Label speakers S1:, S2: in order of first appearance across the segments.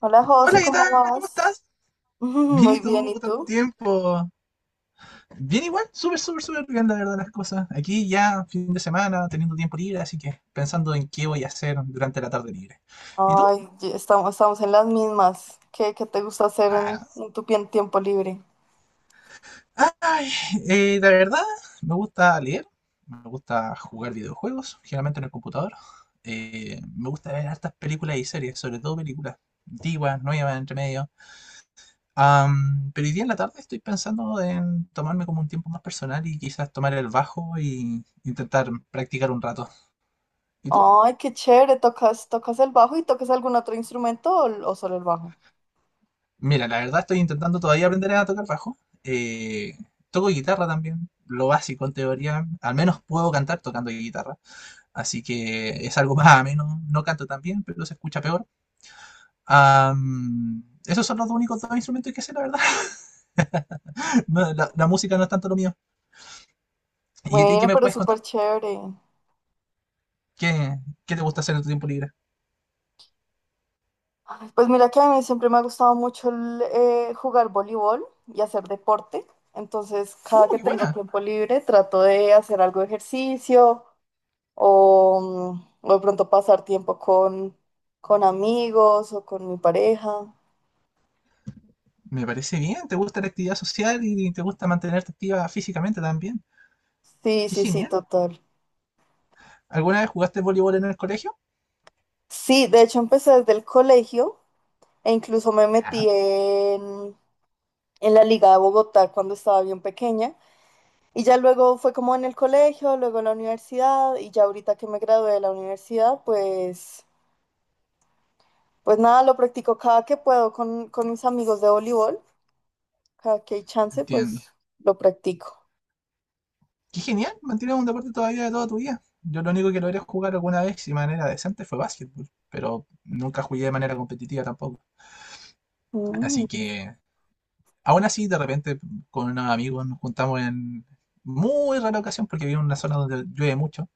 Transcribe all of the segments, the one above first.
S1: Hola José,
S2: Hola, ¿qué tal?
S1: ¿cómo
S2: ¿Cómo
S1: vas?
S2: estás? Bien,
S1: Muy
S2: ¿y
S1: bien,
S2: tú?
S1: ¿y
S2: Tanto
S1: tú?
S2: tiempo. Bien igual, súper, súper, súper bien, la verdad, las cosas. Aquí ya, fin de semana, teniendo tiempo libre, así que pensando en qué voy a hacer durante la tarde libre. ¿Y tú?
S1: Ay, estamos en las mismas. ¿Qué te gusta hacer
S2: Ah,
S1: en tu tiempo libre?
S2: ay, la verdad, me gusta leer, me gusta jugar videojuegos, generalmente en el computador. Me gusta ver hartas películas y series, sobre todo películas antiguas, nuevas, entre medio. Pero hoy día en la tarde estoy pensando en tomarme como un tiempo más personal y quizás tomar el bajo y intentar practicar un rato. ¿Y tú?
S1: Ay, qué chévere, ¿tocas el bajo y tocas algún otro instrumento o solo el bajo?
S2: Mira, la verdad estoy intentando todavía aprender a tocar bajo. Toco guitarra también, lo básico en teoría. Al menos puedo cantar tocando guitarra. Así que es algo más ameno. No canto tan bien, pero se escucha peor. Esos son los dos únicos dos instrumentos que sé, la verdad. No, la música no es tanto lo mío. ¿Y a ti qué
S1: Bueno,
S2: me
S1: pero
S2: puedes
S1: súper
S2: contar?
S1: chévere.
S2: ¿Qué, qué te gusta hacer en tu tiempo libre?
S1: Ay, pues mira que a mí siempre me ha gustado mucho jugar voleibol y hacer deporte. Entonces,
S2: ¡Uh,
S1: cada que
S2: qué
S1: tengo
S2: buena!
S1: tiempo libre, trato de hacer algo de ejercicio o, o de pronto pasar tiempo con amigos o con mi pareja.
S2: Me parece bien, te gusta la actividad social y te gusta mantenerte activa físicamente también.
S1: Sí,
S2: Qué
S1: sí, sí,
S2: genial.
S1: total.
S2: ¿Alguna vez jugaste voleibol en el colegio?
S1: Sí, de hecho empecé desde el colegio e incluso me metí
S2: Ya,
S1: en la Liga de Bogotá cuando estaba bien pequeña. Y ya luego fue como en el colegio, luego en la universidad y ya ahorita que me gradué de la universidad, pues, pues nada, lo practico cada que puedo con mis amigos de voleibol. Cada que hay chance,
S2: entiendo.
S1: pues lo practico.
S2: Qué genial, mantienes un deporte todavía de toda tu vida. Yo lo único que logré jugar alguna vez si de manera decente fue básquetbol, pero nunca jugué de manera competitiva tampoco. Así
S1: Mm.
S2: que, aún así, de repente con unos amigos nos juntamos en muy rara ocasión porque vivo en una zona donde llueve mucho.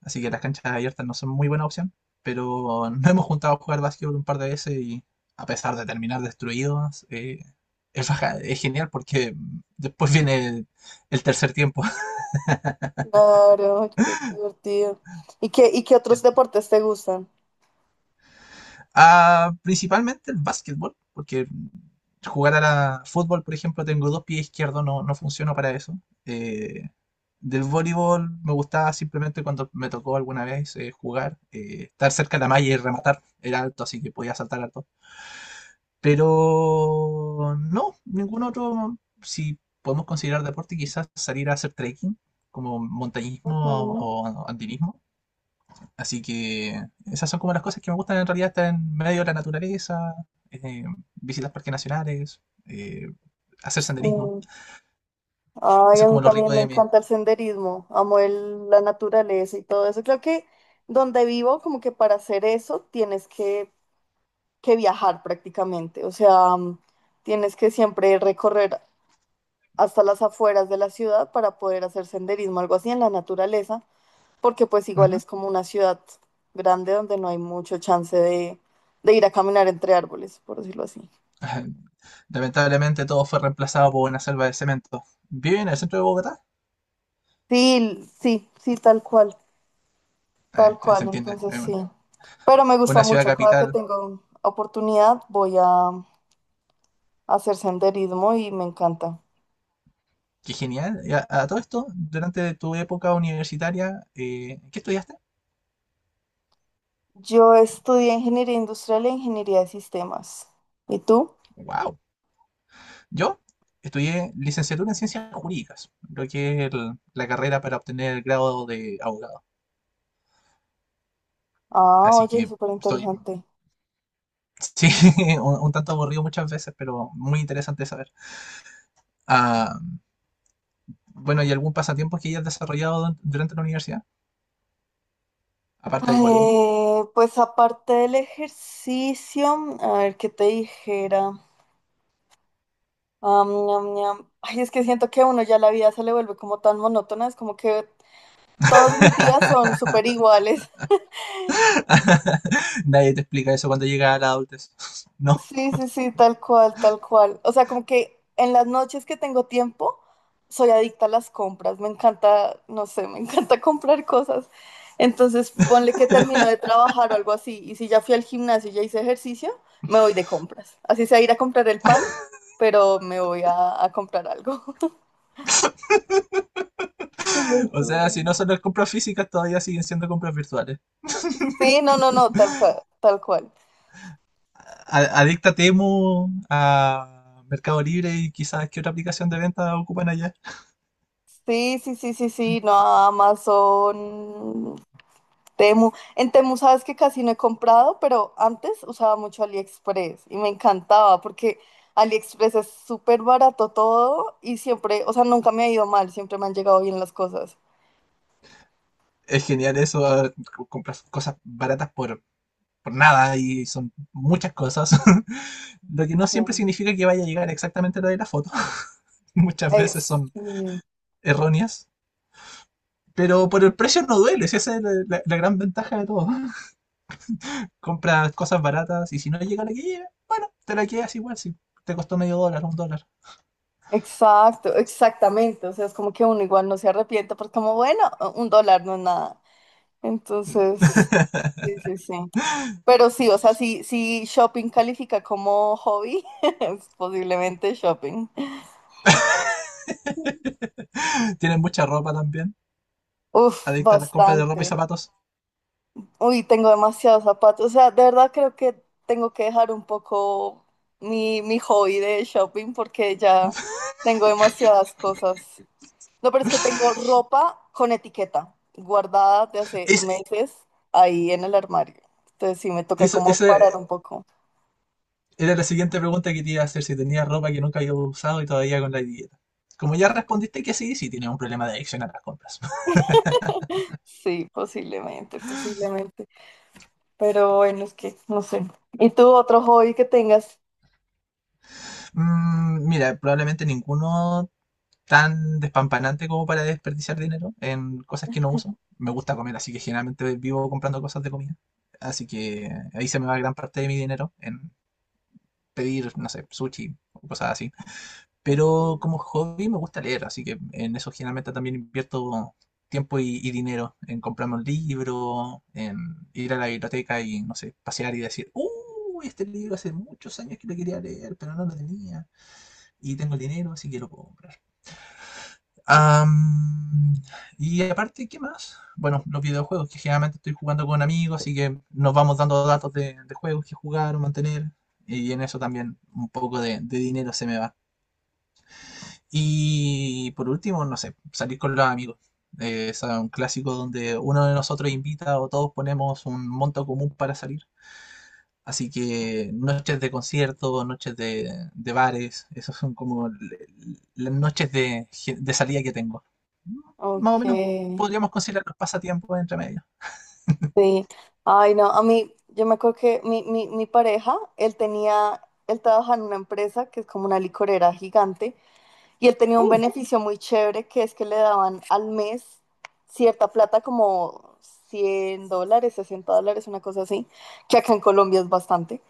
S2: Así que las canchas abiertas no son muy buena opción. Pero nos hemos juntado a jugar básquetbol un par de veces y a pesar de terminar destruidos, es genial porque después viene el tercer tiempo.
S1: Claro, ay, qué divertido. ¿Y qué otros
S2: El-
S1: deportes te gustan?
S2: principalmente el básquetbol, porque jugar a fútbol, por ejemplo, tengo dos pies izquierdos, no, no funciona para eso. Eh, del voleibol me gustaba simplemente cuando me tocó alguna vez jugar, estar cerca de la malla y rematar. Era alto, así que podía saltar alto. Pero no, ningún otro, si podemos considerar deporte, quizás salir a hacer trekking, como montañismo o andinismo. Así que esas son como las cosas que me gustan en realidad, estar en medio de la naturaleza, eh, visitar parques nacionales, eh, hacer senderismo.
S1: Ujú, sí. Ay,
S2: Eso
S1: a
S2: es
S1: mí
S2: como lo rico
S1: también me
S2: de mí.
S1: encanta el senderismo, amo la naturaleza y todo eso. Creo que donde vivo, como que para hacer eso, que viajar prácticamente. O sea, tienes que siempre recorrer hasta las afueras de la ciudad para poder hacer senderismo, algo así en la naturaleza. Porque pues igual
S2: Ujú.
S1: es como una ciudad grande donde no hay mucho chance de ir a caminar entre árboles, por decirlo así.
S2: Lamentablemente todo fue reemplazado por una selva de cemento. ¿Viven en el centro de Bogotá?
S1: Sí, sí, sí, tal
S2: Se
S1: cual,
S2: entiende,
S1: entonces
S2: es
S1: sí. Pero me gusta
S2: una ciudad
S1: mucho, cada que
S2: capital.
S1: tengo oportunidad voy a hacer senderismo y me encanta.
S2: Qué genial. Y a todo esto, durante tu época universitaria, ¿qué estudiaste?
S1: Yo estudié ingeniería industrial e ingeniería de sistemas. ¿Y tú?
S2: Wow. Yo estudié licenciatura en ciencias jurídicas, lo que es la carrera para obtener el grado de abogado.
S1: Ah,
S2: Así
S1: oye,
S2: que
S1: súper
S2: estoy,
S1: interesante.
S2: sí, un tanto aburrido muchas veces, pero muy interesante saber. Ah, bueno, ¿y algún pasatiempo que hayas desarrollado durante la universidad? Aparte del voleibol.
S1: Pues aparte del ejercicio, a ver qué te dijera. Am, ñam, ñam. Ay, es que siento que a uno ya la vida se le vuelve como tan monótona, es como que todos mis días son súper iguales.
S2: Nadie te explica eso cuando llegas a la adultez. No.
S1: Sí, sí, sí, tal cual, tal cual. O sea, como que en las noches que tengo tiempo, soy adicta a las compras. Me encanta, no sé, me encanta comprar cosas. Entonces, ponle que termino de trabajar o algo así. Y si ya fui al gimnasio y ya hice ejercicio, me voy de compras. Así sea ir a comprar el pan, pero me voy a comprar algo. Te lo
S2: O
S1: juro.
S2: sea, si no son las compras físicas, todavía siguen siendo compras virtuales.
S1: Sí, no, no, no, tal cual, tal cual.
S2: Adicta a Temu, a Mercado Libre y quizás qué otra aplicación de venta ocupan allá.
S1: Sí, sí, sí, sí, sí, no, Amazon, Temu. En Temu sabes que casi no he comprado, pero antes usaba mucho AliExpress y me encantaba porque AliExpress es súper barato todo y siempre, o sea, nunca me ha ido mal, siempre me han llegado bien las cosas.
S2: Es genial eso, compras cosas baratas por nada y son muchas cosas. Lo que no siempre
S1: Sí.
S2: significa que vaya a llegar exactamente lo de la foto. Muchas veces
S1: Ex-
S2: son
S1: mm,
S2: erróneas. Pero por el precio no duele, si esa es la gran ventaja de todo. Compras cosas baratas y si no llega la que llega, bueno, te la quedas igual si te costó medio dólar, un dólar.
S1: exacto, exactamente. O sea, es como que uno igual no se arrepiente porque como, bueno, un dólar no es nada. Entonces, sí, sí, sí. Pero sí, o sea, si shopping califica como hobby, es posiblemente shopping.
S2: Tienen mucha ropa también.
S1: Uf,
S2: Adicta a las compras de
S1: bastante.
S2: ropa y zapatos.
S1: Uy, tengo demasiados zapatos. O sea, de verdad creo que tengo que dejar un poco mi hobby de shopping porque ya tengo demasiadas cosas. No, pero es que tengo ropa con etiqueta guardada de hace
S2: Es,
S1: meses ahí en el armario. Entonces sí, me toca
S2: eso,
S1: como
S2: esa
S1: parar un poco.
S2: era la siguiente pregunta que te iba a hacer, si tenías ropa que nunca había usado y todavía con la etiqueta. Como ya respondiste que sí, sí tienes un problema de adicción a las compras.
S1: Sí, posiblemente, posiblemente. Pero bueno, es que no sé. ¿Y tú otro hobby que tengas?
S2: Mm, mira, probablemente ninguno tan despampanante como para desperdiciar dinero en cosas que no uso. Me gusta comer, así que generalmente vivo comprando cosas de comida. Así que ahí se me va gran parte de mi dinero en pedir, no sé, sushi o cosas así.
S1: Ok,
S2: Pero como hobby me gusta leer, así que en eso generalmente también invierto tiempo y dinero, en comprarme un libro, en ir a la biblioteca y, no sé, pasear y decir, "¡Uy, este libro hace muchos años que lo quería leer, pero no lo tenía! Y tengo el dinero, así que lo puedo comprar". Am, y aparte, ¿qué más? Bueno, los videojuegos, que generalmente estoy jugando con amigos, así que nos vamos dando datos de, juegos que jugar o mantener, y en eso también un poco de dinero se me va. Y por último, no sé, salir con los amigos. Es un clásico donde uno de nosotros invita o todos ponemos un monto común para salir. Así que noches de conciertos, noches de bares, esas son como las noches de salida que tengo. Más o menos
S1: ok,
S2: podríamos considerar los pasatiempos entre medio.
S1: sí. Ay, no, a mí, yo me acuerdo que mi pareja, él trabajaba en una empresa que es como una licorera gigante y él tenía un
S2: ¡Uh!
S1: beneficio muy chévere que es que le daban al mes cierta plata como 100 dólares, 60 dólares, una cosa así, que acá en Colombia es bastante,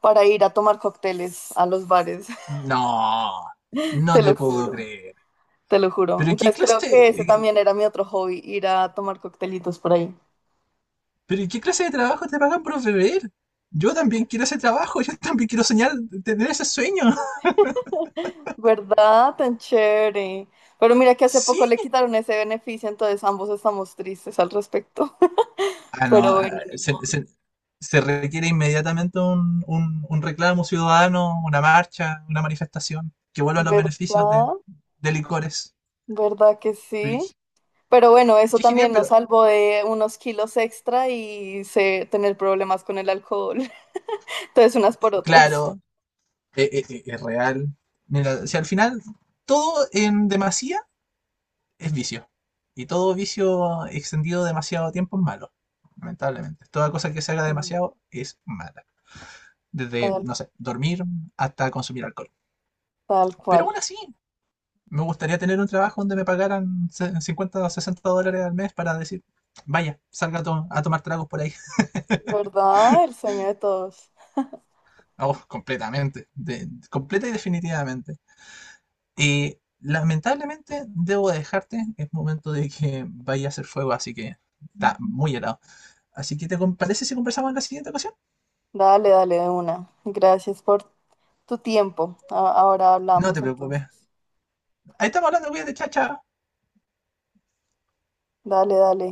S1: para ir a tomar cócteles a los bares.
S2: No, no
S1: Te lo
S2: te puedo
S1: juro.
S2: creer.
S1: Te lo juro.
S2: Pero ¿qué
S1: Entonces creo
S2: clase,
S1: que ese
S2: eh,
S1: también era mi otro hobby, ir a tomar coctelitos por ahí.
S2: Pero ¿y qué clase de trabajo te pagan por beber? Yo también quiero ese trabajo, yo también quiero soñar, tener ese sueño.
S1: ¿Verdad? Tan chévere. Pero mira que hace
S2: Sí.
S1: poco le quitaron ese beneficio, entonces ambos estamos tristes al respecto.
S2: Ah, no,
S1: Pero bueno,
S2: ah,
S1: ni
S2: se,
S1: modo.
S2: se- se requiere inmediatamente un, un reclamo ciudadano, una marcha, una manifestación, que vuelvan los beneficios
S1: ¿Verdad?
S2: de licores.
S1: ¿Verdad que
S2: Pero
S1: sí?
S2: Qué
S1: Pero bueno, eso
S2: qué genial,
S1: también nos
S2: pero
S1: salvó de unos kilos extra y tener problemas con el alcohol. Entonces unas por otras.
S2: claro, es, real. Mira, si al final todo en demasía es vicio. Y todo vicio extendido demasiado tiempo es malo, lamentablemente. Toda cosa que se haga
S1: Mm,
S2: demasiado es mala. Desde,
S1: tal,
S2: no sé, dormir hasta consumir alcohol.
S1: tal
S2: Pero aún
S1: cual.
S2: así, me gustaría tener un trabajo donde me pagaran 50 o 60 dólares al mes para decir, vaya, salga a, a tomar tragos por ahí.
S1: ¿Verdad? El sueño de todos.
S2: Oh, completamente, completa y definitivamente. Y lamentablemente debo dejarte, es momento de que vaya a hacer fuego, así que está muy helado. Así que te parece si conversamos en la siguiente ocasión.
S1: Dale, dale de una. Gracias por tu tiempo. A- Ahora
S2: No
S1: hablamos
S2: te
S1: entonces.
S2: preocupes. Ahí estamos hablando, cuídate, chacha.
S1: Dale, dale.